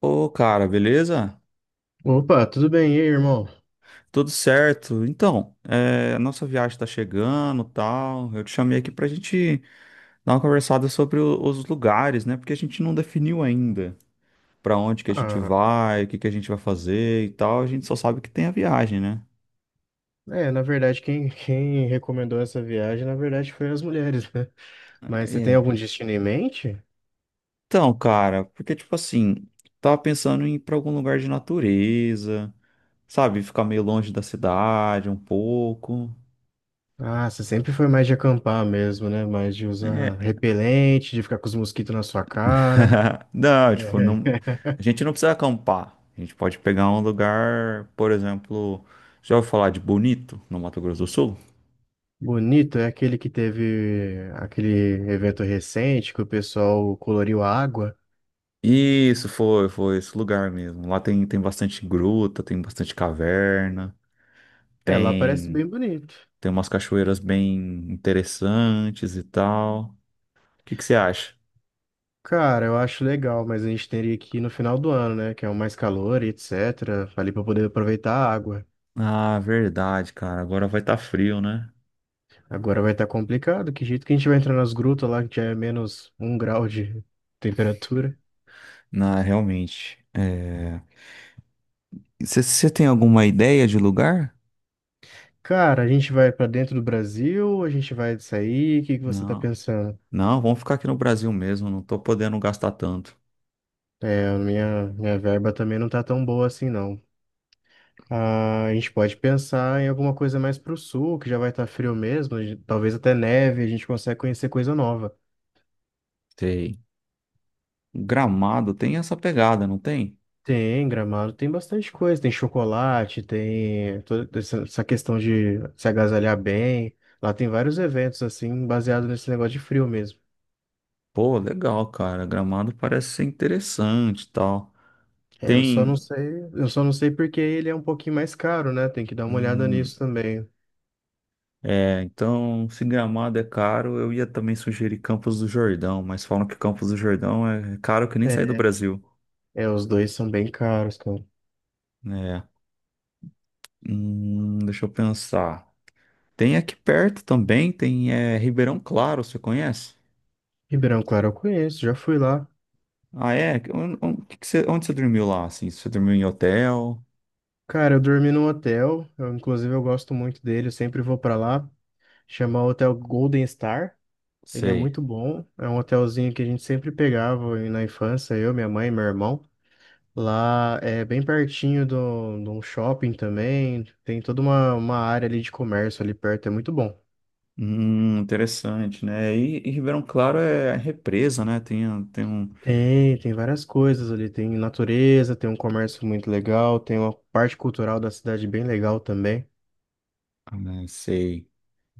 Ô, cara, beleza? Opa, tudo bem? E aí, irmão? Tudo certo. Então, a nossa viagem tá chegando, tal. Eu te chamei aqui pra gente dar uma conversada sobre os lugares, né? Porque a gente não definiu ainda pra onde que a gente Ah, vai, o que que a gente vai fazer e tal. A gente só sabe que tem a viagem, né? é, na verdade, quem recomendou essa viagem, na verdade, foi as mulheres, né? Mas você tem É. algum destino em mente? Então, cara, porque tipo assim, tava pensando em ir pra algum lugar de natureza, sabe? Ficar meio longe da cidade um pouco. Ah, você sempre foi mais de acampar mesmo, né? Mais de É. usar repelente, de ficar com os mosquitos na sua cara. Não, tipo, não, É. a gente não precisa acampar. A gente pode pegar um lugar, por exemplo, já ouviu falar de Bonito, no Mato Grosso do Sul? Bonito é aquele que teve aquele evento recente que o pessoal coloriu a água. Isso, foi esse lugar mesmo. Lá tem bastante gruta, tem bastante caverna, É, lá parece tem, bem bonito. tem umas cachoeiras bem interessantes e tal. O que que você acha? Cara, eu acho legal, mas a gente teria que ir no final do ano, né? Que é o mais calor e etc. Ali para poder aproveitar a água. Ah, verdade, cara. Agora vai estar frio, né? Agora vai estar complicado. Que jeito que a gente vai entrar nas grutas lá que já é menos um grau de temperatura? Não, realmente. Você tem alguma ideia de lugar? Cara, a gente vai para dentro do Brasil, a gente vai sair. O que que você tá Não. pensando? Não, vamos ficar aqui no Brasil mesmo, não tô podendo gastar tanto. É, a minha verba também não tá tão boa assim, não. Ah, a gente pode pensar em alguma coisa mais pro sul, que já vai estar frio mesmo. Talvez até neve, a gente consegue conhecer coisa nova. Sei. Gramado tem essa pegada, não tem? Tem Gramado, tem bastante coisa. Tem chocolate, tem toda essa questão de se agasalhar bem. Lá tem vários eventos, assim, baseado nesse negócio de frio mesmo. Pô, legal, cara. Gramado parece ser interessante e tal. É, eu só não Tem. sei, eu só não sei porque ele é um pouquinho mais caro, né? Tem que dar uma olhada hum, nisso também. Então, se Gramado é caro, eu ia também sugerir Campos do Jordão, mas falam que Campos do Jordão é caro que nem sair do É, Brasil. é, os dois são bem caros, cara. É. Deixa eu pensar. Tem aqui perto também, Ribeirão Claro, você conhece? Ribeirão Claro eu conheço, já fui lá. Ah, é? Onde onde você dormiu lá, assim? Você dormiu em hotel? Cara, eu dormi num hotel, eu, inclusive eu gosto muito dele, eu sempre vou pra lá. Chama Hotel Golden Star. Ele é Sei. muito bom. É um hotelzinho que a gente sempre pegava na infância, eu, minha mãe e meu irmão. Lá é bem pertinho de um shopping também. Tem toda uma área ali de comércio ali perto, é muito bom. Interessante, né? E Ribeirão Claro é represa, né? Tem um. Tem, tem várias coisas ali. Tem natureza, tem um comércio muito legal, tem uma parte cultural da cidade bem legal também. Ah, né, sei.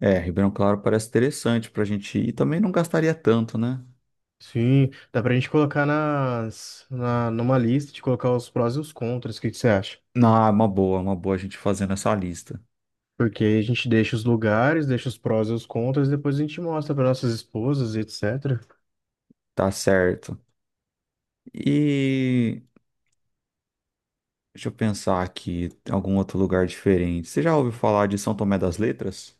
É, Ribeirão Claro parece interessante pra gente ir. E também não gastaria tanto, né? Sim, dá pra gente colocar numa lista de colocar os prós e os contras. O que que você acha? Não, é uma boa a gente fazendo essa lista. Porque aí a gente deixa os lugares, deixa os prós e os contras, depois a gente mostra para nossas esposas e etc. Tá certo. E... Deixa eu pensar aqui, algum outro lugar diferente. Você já ouviu falar de São Tomé das Letras?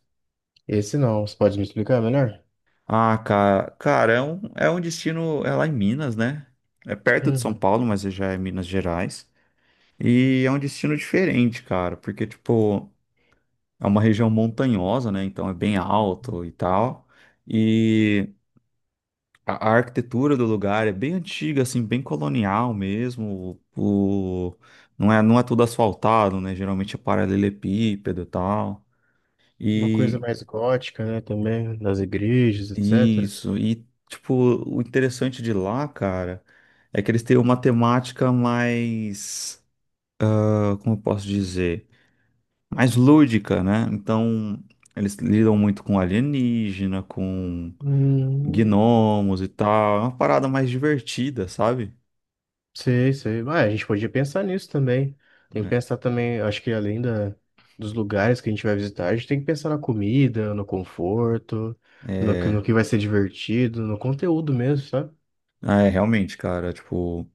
Esse não, você pode me explicar melhor? Ah, cara, cara, é um, destino, é lá em Minas, né? É perto de São Uhum. Paulo, mas já é Minas Gerais. E é um destino diferente, cara, porque, tipo, é uma região montanhosa, né? Então é bem alto e tal. E a arquitetura do lugar é bem antiga, assim, bem colonial mesmo. O, não é tudo asfaltado, né? Geralmente é paralelepípedo e tal. Uma coisa mais gótica, né, também, das igrejas, etc. Isso, e tipo, o interessante de lá, cara, é que eles têm uma temática mais, ah, como eu posso dizer, mais lúdica, né? Então, eles lidam muito com alienígena, com Hum, gnomos e tal, é uma parada mais divertida, sabe? Sei, sei. Ah, a gente podia pensar nisso também. Tem que pensar também, acho que além dos lugares que a gente vai visitar, a gente tem que pensar na comida, no conforto, no É, que vai ser divertido, no conteúdo mesmo, sabe? ah, realmente, cara, tipo,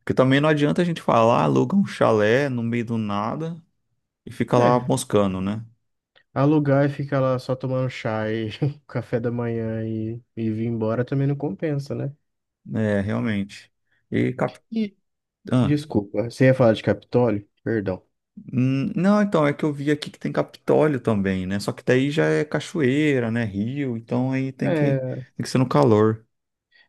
porque também não adianta a gente falar, aluga um chalé no meio do nada e fica lá É. moscando, né? Alugar e ficar lá só tomando chá e café da manhã e vir embora também não compensa, né? É, realmente. E E, cap... desculpa, você ia falar de Capitólio? Perdão. Não, então, é que eu vi aqui que tem Capitólio também, né? Só que daí já é cachoeira, né? Rio, então aí É, tem que ser no calor.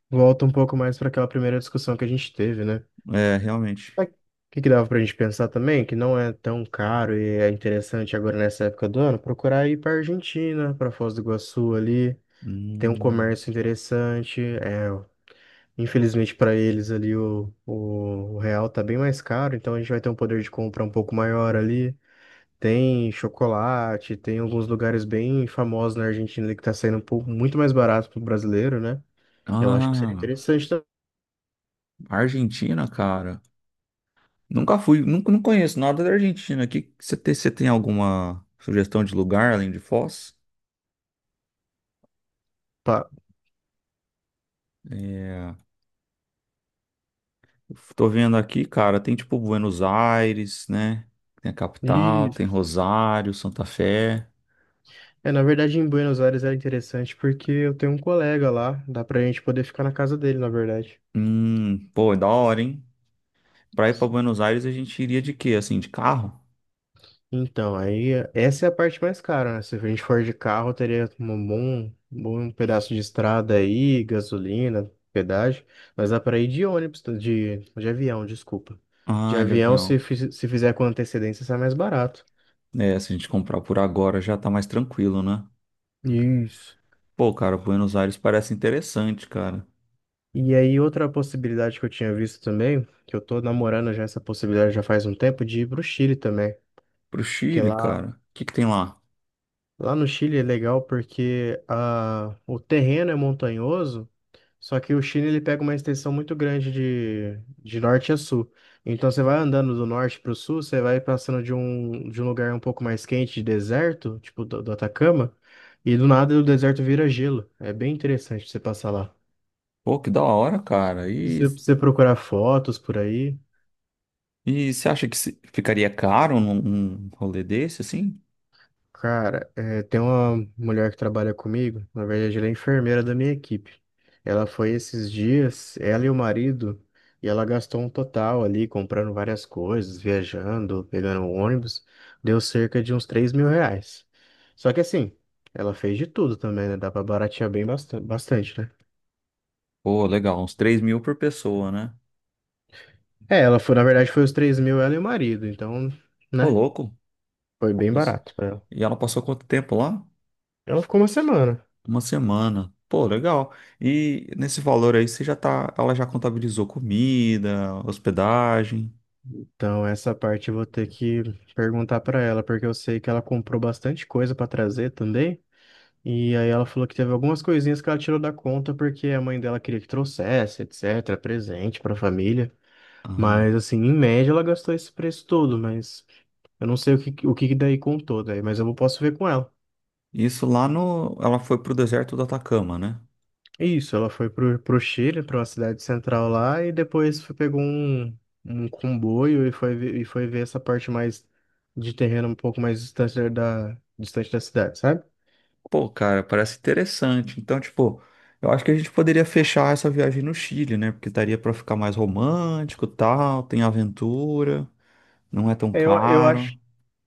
volta um pouco mais para aquela primeira discussão que a gente teve, né? É, realmente. Mas o que que dava pra gente pensar também, que não é tão caro e é interessante agora nessa época do ano, procurar ir pra Argentina, pra Foz do Iguaçu ali. Tem um Hum. comércio interessante, é, infelizmente para eles ali o real tá bem mais caro, então a gente vai ter um poder de compra um pouco maior ali. Tem chocolate, tem alguns lugares bem famosos na Argentina ali que tá saindo um pouco muito mais barato pro brasileiro, né? Eu acho que seria Ah, interessante. Argentina, cara. Nunca fui, nunca, não conheço nada da Argentina. Aqui, você tem alguma sugestão de lugar além de Foz? Tá. É, tô vendo aqui, cara, tem tipo Buenos Aires, né? Tem a capital, E tem Rosário, Santa Fé. é, na verdade em Buenos Aires era interessante porque eu tenho um colega lá, dá pra gente poder ficar na casa dele, na verdade. Pô, é da hora, hein? Pra ir pra Buenos Aires, a gente iria de quê? Assim, de carro? Então, aí essa é a parte mais cara, né? Se a gente for de carro, teria um bom, bom pedaço de estrada aí, gasolina, pedágio, mas dá para ir de ônibus, tá? De avião, desculpa. De Ah, de avião, avião. Se fizer com antecedência, sai mais barato. É, se a gente comprar por agora já tá mais tranquilo, né? Isso. Pô, cara, Buenos Aires parece interessante, cara. E aí, outra possibilidade que eu tinha visto também, que eu tô namorando já essa possibilidade já faz um tempo, de ir pro Chile também. Pro Porque Chile, lá, cara. O que que tem lá? lá no Chile é legal porque a, o terreno é montanhoso. Só que o Chile ele pega uma extensão muito grande de norte a sul. Então você vai andando do norte para o sul, você vai passando de um lugar um pouco mais quente, de deserto, tipo do Atacama, e do nada o deserto vira gelo. É bem interessante você passar lá. Pô, que da hora, cara. Se E, você procurar fotos por aí. e você acha que ficaria caro num rolê desse, assim? Cara, tem uma mulher que trabalha comigo, na verdade ela é enfermeira da minha equipe. Ela foi esses dias, ela e o marido, e ela gastou um total ali, comprando várias coisas, viajando, pegando um ônibus, deu cerca de uns R$ 3.000. Só que assim, ela fez de tudo também, né? Dá pra baratear bem bastante, bastante, né? Pô, legal, uns 3 mil por pessoa, né? É, ela foi, na verdade foi os 3.000 ela e o marido, então, Ô, né? louco. Foi bem Isso. barato pra ela. E ela passou quanto tempo lá? Ela ficou uma semana. Uma semana. Pô, legal. E nesse valor aí, ela já contabilizou comida, hospedagem. Então, essa parte eu vou ter que perguntar pra ela, porque eu sei que ela comprou bastante coisa pra trazer também. E aí ela falou que teve algumas coisinhas que ela tirou da conta porque a mãe dela queria que trouxesse, etc, presente pra família. Ah, Mas assim, em média ela gastou esse preço todo, mas eu não sei o que que daí contou daí, mas eu posso ver com ela. isso, lá no, ela foi pro deserto do Atacama, né? Isso, ela foi pro Chile, para uma cidade central lá, e depois pegou um, um comboio e foi, e foi ver essa parte mais de terreno um pouco mais distante distante da cidade, sabe? Pô, cara, parece interessante. Então, tipo, eu acho que a gente poderia fechar essa viagem no Chile, né? Porque daria pra ficar mais romântico, e tal, tem aventura, não é tão É, caro.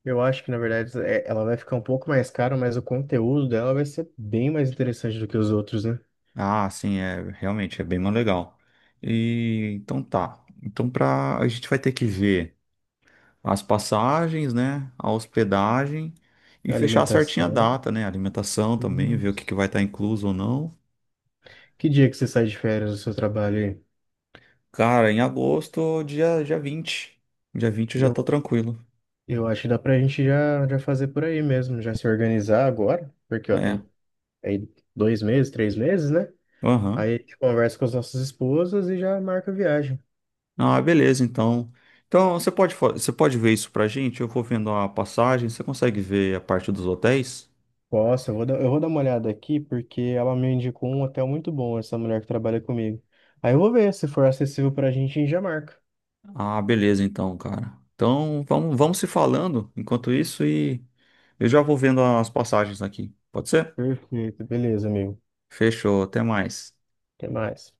eu acho que, na verdade, ela vai ficar um pouco mais cara, mas o conteúdo dela vai ser bem mais interessante do que os outros, né? Ah, sim, é, realmente é bem mais legal. E então tá. Então a gente vai ter que ver as passagens, né? A hospedagem e A fechar certinha a alimentação. data, né? Alimentação também, ver o que que Isso. vai estar incluso ou não. Que dia que você sai de férias do seu trabalho aí? Cara, em agosto, dia 20. Dia 20 eu já tô Eu, tranquilo. eu acho que dá pra gente já fazer por aí mesmo, já se organizar agora, porque ó, É. tem aí dois meses, três meses, né? Aham. Aí a gente conversa com as nossas esposas e já marca a viagem. Ah, beleza, então. Então, você pode ver isso pra gente? Eu vou vendo a passagem. Você consegue ver a parte dos hotéis? Posso. Eu vou dar uma olhada aqui porque ela me indicou um hotel muito bom, essa mulher que trabalha comigo. Aí eu vou ver, se for acessível pra gente, a gente já marca. Ah, beleza, então, cara. Então, vamos se falando enquanto isso e eu já vou vendo as passagens aqui. Pode ser? Perfeito, beleza, amigo. Fechou, até mais. Até mais.